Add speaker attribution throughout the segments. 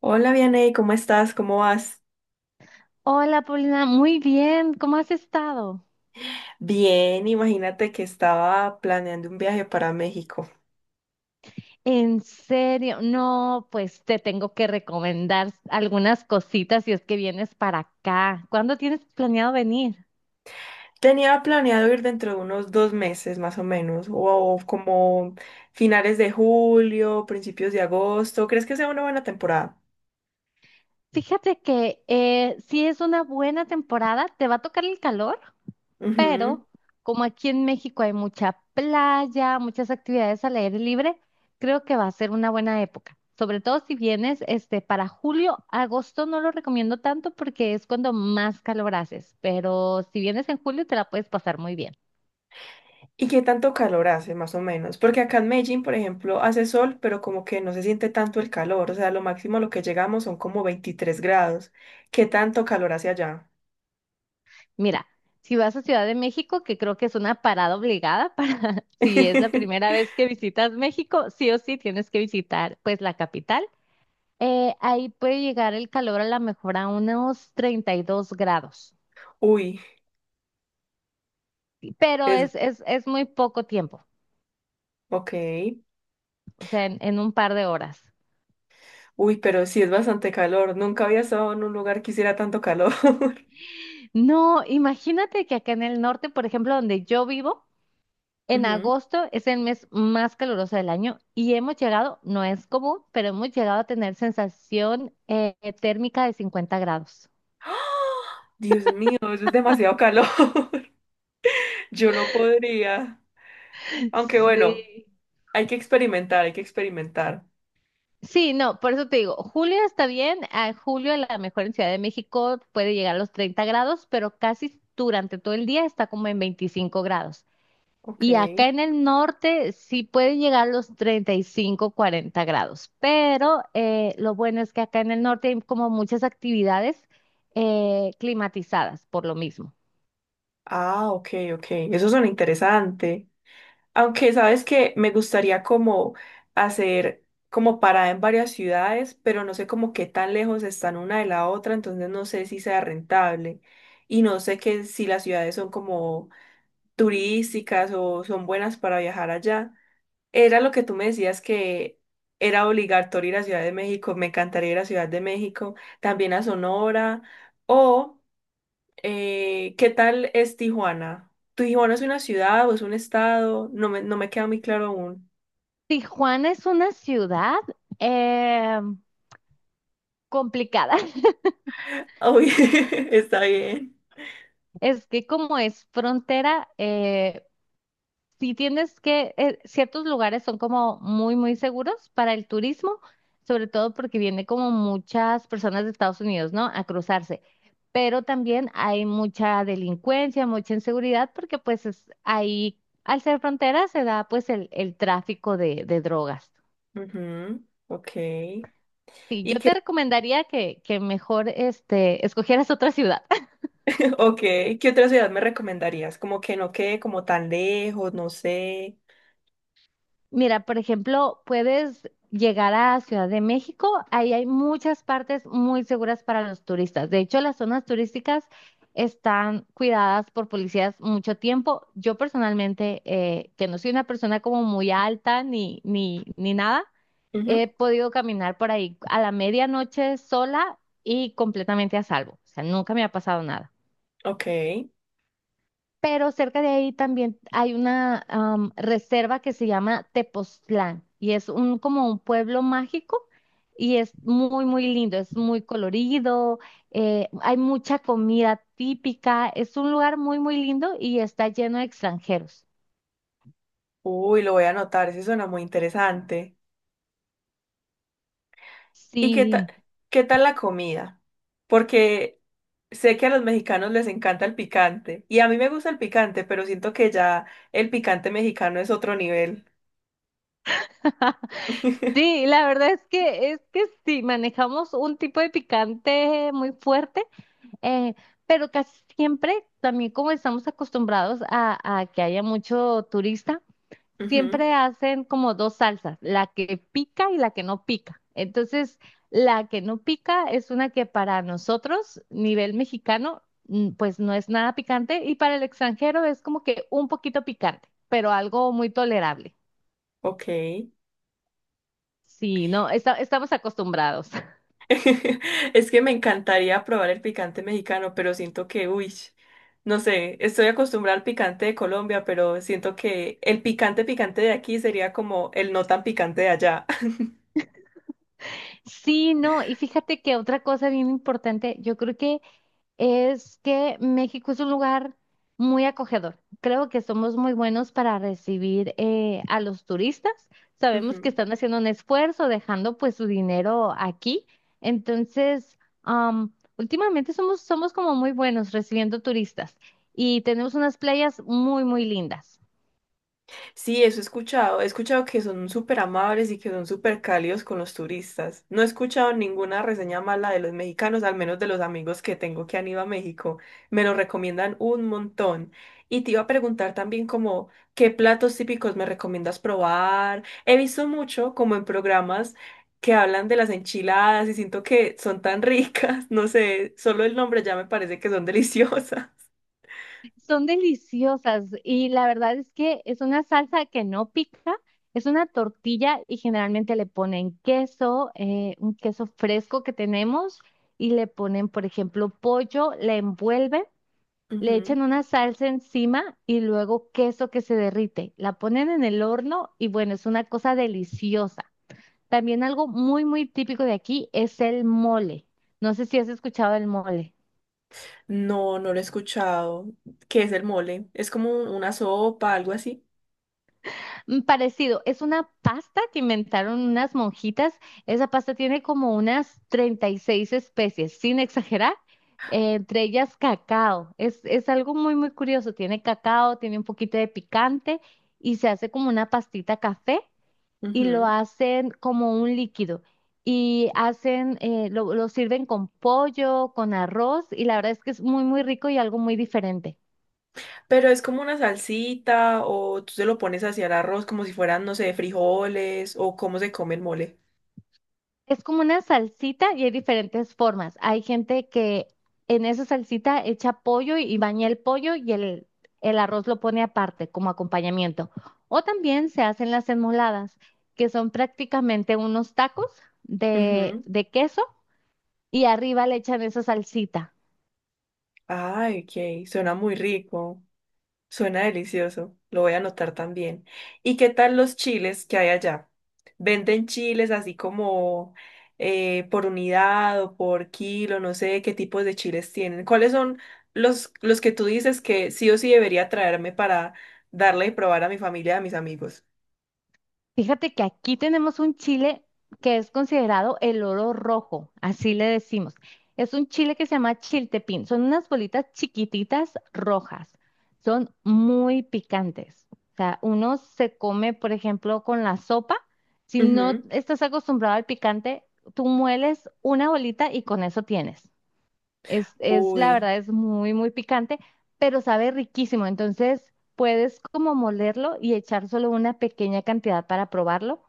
Speaker 1: Hola, Vianey, ¿cómo estás? ¿Cómo vas?
Speaker 2: Hola, Paulina, muy bien, ¿cómo has estado?
Speaker 1: Bien, imagínate que estaba planeando un viaje para México.
Speaker 2: En serio, no, pues te tengo que recomendar algunas cositas si es que vienes para acá. ¿Cuándo tienes planeado venir?
Speaker 1: Tenía planeado ir dentro de unos dos meses más o menos, o como finales de julio, principios de agosto. ¿Crees que sea una buena temporada?
Speaker 2: Fíjate que si es una buena temporada, ¿te va a tocar el calor?
Speaker 1: Ujú.
Speaker 2: Pero como aquí en México hay mucha playa, muchas actividades al aire libre, creo que va a ser una buena época. Sobre todo si vienes para julio, agosto no lo recomiendo tanto porque es cuando más calor haces, pero si vienes en julio te la puedes pasar muy bien.
Speaker 1: ¿Y qué tanto calor hace más o menos? Porque acá en Medellín, por ejemplo, hace sol, pero como que no se siente tanto el calor. O sea, lo máximo a lo que llegamos son como 23 grados. ¿Qué tanto calor hace allá?
Speaker 2: Mira, si vas a Ciudad de México, que creo que es una parada obligada para si es la primera vez que visitas México, sí o sí tienes que visitar pues la capital. Ahí puede llegar el calor a lo mejor a unos 32 grados,
Speaker 1: Uy,
Speaker 2: pero
Speaker 1: es
Speaker 2: es muy poco tiempo,
Speaker 1: ok.
Speaker 2: o sea, en un par de horas.
Speaker 1: Uy, pero sí es bastante calor. Nunca había estado en un lugar que hiciera tanto calor.
Speaker 2: No, imagínate que acá en el norte, por ejemplo, donde yo vivo, en
Speaker 1: Ujú.
Speaker 2: agosto es el mes más caluroso del año y hemos llegado, no es común, pero hemos llegado a tener sensación térmica de 50 grados.
Speaker 1: ¡Ah! Dios mío, eso es demasiado calor. Yo no podría. Aunque bueno,
Speaker 2: Sí.
Speaker 1: hay que experimentar, hay que experimentar.
Speaker 2: Sí, no, por eso te digo, julio está bien, a julio a la mejor en Ciudad de México puede llegar a los 30 grados, pero casi durante todo el día está como en 25 grados.
Speaker 1: Ok.
Speaker 2: Y acá en el norte sí pueden llegar a los 35, 40 grados, pero lo bueno es que acá en el norte hay como muchas actividades climatizadas por lo mismo.
Speaker 1: Ah, ok, ok. Eso suena interesante. Aunque sabes que me gustaría como hacer como parada en varias ciudades, pero no sé como qué tan lejos están una de la otra, entonces no sé si sea rentable. Y no sé que si las ciudades son como turísticas o son buenas para viajar allá. Era lo que tú me decías que era obligatorio ir a Ciudad de México, me encantaría ir a Ciudad de México, también a Sonora, o ¿qué tal es Tijuana? ¿Tijuana es una ciudad o es un estado? No me queda muy claro aún.
Speaker 2: Tijuana es una ciudad eh, complicada.
Speaker 1: Uy, está bien.
Speaker 2: Es que como es frontera, si tienes que, ciertos lugares son como muy, muy seguros para el turismo, sobre todo porque viene como muchas personas de Estados Unidos, ¿no? A cruzarse. Pero también hay mucha delincuencia, mucha inseguridad, porque pues es, ahí, al ser frontera, se da pues el tráfico de drogas.
Speaker 1: Ujú. Ok,
Speaker 2: Sí, yo te recomendaría que mejor escogieras otra ciudad.
Speaker 1: ok. ¿Qué otra ciudad me recomendarías? Como que no quede como tan lejos, no sé.
Speaker 2: Mira, por ejemplo, puedes llegar a Ciudad de México. Ahí hay muchas partes muy seguras para los turistas. De hecho, las zonas turísticas están cuidadas por policías mucho tiempo. Yo personalmente, que no soy una persona como muy alta ni nada,
Speaker 1: Ujú.
Speaker 2: he podido caminar por ahí a la medianoche sola y completamente a salvo. O sea, nunca me ha pasado nada,
Speaker 1: Ok.
Speaker 2: pero cerca de ahí también hay una reserva que se llama Tepoztlán y es como un pueblo mágico y es muy, muy lindo, es muy colorido, hay mucha comida típica, es un lugar muy, muy lindo y está lleno de extranjeros.
Speaker 1: Uy, lo voy a anotar, ese suena muy interesante. ¿Y
Speaker 2: Sí.
Speaker 1: qué tal la comida? Porque sé que a los mexicanos les encanta el picante y a mí me gusta el picante, pero siento que ya el picante mexicano es otro nivel.
Speaker 2: Sí, la verdad es que sí, manejamos un tipo de picante muy fuerte, eh, pero casi siempre también como estamos acostumbrados a que haya mucho turista,
Speaker 1: Ujú.
Speaker 2: siempre hacen como dos salsas, la que pica y la que no pica. Entonces, la que no pica es una que para nosotros, nivel mexicano, pues no es nada picante y para el extranjero es como que un poquito picante, pero algo muy tolerable.
Speaker 1: Ok.
Speaker 2: Sí, no, estamos acostumbrados.
Speaker 1: Es que me encantaría probar el picante mexicano, pero siento que, uy, no sé, estoy acostumbrada al picante de Colombia, pero siento que el picante picante de aquí sería como el no tan picante de allá.
Speaker 2: Sí, no, y fíjate que otra cosa bien importante, yo creo que es que México es un lugar muy acogedor. Creo que somos muy buenos para recibir a los turistas. Sabemos que
Speaker 1: Ujú.
Speaker 2: están haciendo un esfuerzo, dejando pues su dinero aquí. Entonces, últimamente somos como muy buenos recibiendo turistas y tenemos unas playas muy, muy lindas.
Speaker 1: Sí, eso he escuchado. He escuchado que son súper amables y que son súper cálidos con los turistas. No he escuchado ninguna reseña mala de los mexicanos, al menos de los amigos que tengo que han ido a México. Me lo recomiendan un montón. Y te iba a preguntar también como, ¿qué platos típicos me recomiendas probar? He visto mucho como en programas que hablan de las enchiladas y siento que son tan ricas. No sé, solo el nombre ya me parece que son deliciosas.
Speaker 2: Son deliciosas y la verdad es que es una salsa que no pica, es una tortilla y generalmente le ponen queso, un queso fresco que tenemos y le ponen, por ejemplo, pollo, le envuelven, le echan una salsa encima y luego queso que se derrite. La ponen en el horno y bueno, es una cosa deliciosa. También algo muy, muy típico de aquí es el mole. No sé si has escuchado el mole.
Speaker 1: No, no lo he escuchado. ¿Qué es el mole? Es como una sopa, algo así.
Speaker 2: Parecido, es una pasta que inventaron unas monjitas. Esa pasta tiene como unas 36 especies, sin exagerar, entre ellas cacao. Es algo muy, muy curioso. Tiene cacao, tiene un poquito de picante y se hace como una pastita café y
Speaker 1: Ujú.
Speaker 2: lo hacen como un líquido. Y lo sirven con pollo, con arroz y la verdad es que es muy, muy rico y algo muy diferente.
Speaker 1: Pero es como una salsita o tú se lo pones hacia el arroz como si fueran, no sé, frijoles o cómo se come el mole.
Speaker 2: Es como una salsita y hay diferentes formas. Hay gente que en esa salsita echa pollo y baña el pollo y el arroz lo pone aparte como acompañamiento. O también se hacen las enmoladas, que son prácticamente unos tacos de,
Speaker 1: Ujú.
Speaker 2: de queso y arriba le echan esa salsita.
Speaker 1: Ay, ok, suena muy rico. Suena delicioso, lo voy a anotar también. ¿Y qué tal los chiles que hay allá? ¿Venden chiles así como por unidad o por kilo? No sé qué tipos de chiles tienen. ¿Cuáles son los que tú dices que sí o sí debería traerme para darle y probar a mi familia y a mis amigos?
Speaker 2: Fíjate que aquí tenemos un chile que es considerado el oro rojo, así le decimos. Es un chile que se llama chiltepín. Son unas bolitas chiquititas rojas. Son muy picantes. O sea, uno se come, por ejemplo, con la sopa. Si no
Speaker 1: Ujú.
Speaker 2: estás acostumbrado al picante, tú mueles una bolita y con eso tienes. La
Speaker 1: Uy,
Speaker 2: verdad, es muy, muy picante, pero sabe riquísimo. Entonces, puedes como molerlo y echar solo una pequeña cantidad para probarlo.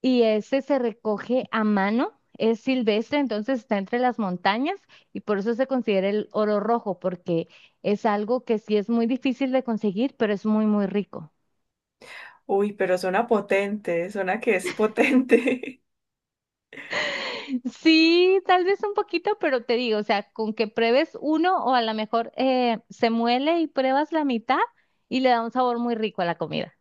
Speaker 2: Y ese se recoge a mano, es silvestre, entonces está entre las montañas y por eso se considera el oro rojo, porque es algo que sí es muy difícil de conseguir, pero es muy, muy rico.
Speaker 1: uy, pero suena potente, suena que es potente.
Speaker 2: Sí, tal vez un poquito, pero te digo, o sea, con que pruebes uno o a lo mejor se muele y pruebas la mitad y le da un sabor muy rico a la comida.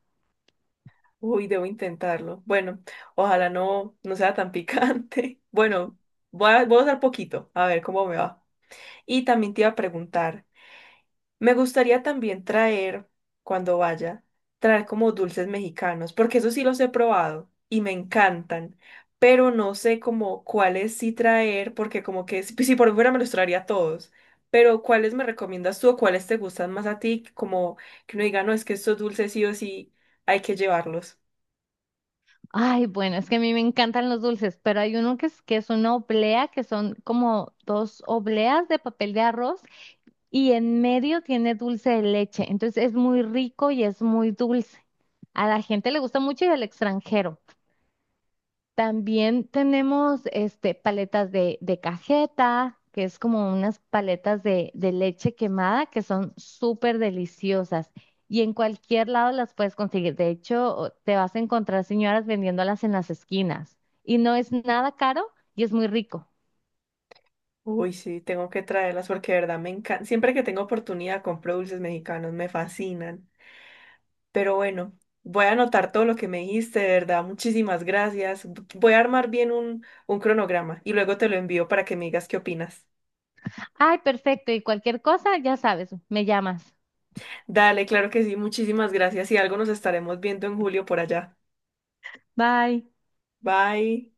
Speaker 1: Uy, debo intentarlo. Bueno, ojalá no sea tan picante. Bueno, voy a usar poquito, a ver cómo me va. Y también te iba a preguntar, me gustaría también traer, cuando vaya, traer como dulces mexicanos, porque eso sí los he probado y me encantan, pero no sé como cuáles sí traer, porque como que si por fuera me los traería todos. Pero ¿cuáles me recomiendas tú o cuáles te gustan más a ti? Como que uno diga, no, es que estos dulces sí o sí hay que llevarlos.
Speaker 2: Ay, bueno, es que a mí me encantan los dulces, pero hay uno que es una oblea, que son como dos obleas de papel de arroz y en medio tiene dulce de leche. Entonces es muy rico y es muy dulce. A la gente le gusta mucho y al extranjero. También tenemos paletas de cajeta, que es como unas paletas de leche quemada que son súper deliciosas y en cualquier lado las puedes conseguir. De hecho, te vas a encontrar señoras vendiéndolas en las esquinas y no es nada caro y es muy rico.
Speaker 1: Uy, sí, tengo que traerlas porque de verdad me encanta. Siempre que tengo oportunidad compro dulces mexicanos, me fascinan. Pero bueno, voy a anotar todo lo que me dijiste, de verdad, muchísimas gracias. Voy a armar bien un cronograma y luego te lo envío para que me digas qué opinas.
Speaker 2: Ay, perfecto. Y cualquier cosa, ya sabes, me llamas.
Speaker 1: Dale, claro que sí, muchísimas gracias y algo nos estaremos viendo en julio por allá.
Speaker 2: Bye.
Speaker 1: Bye.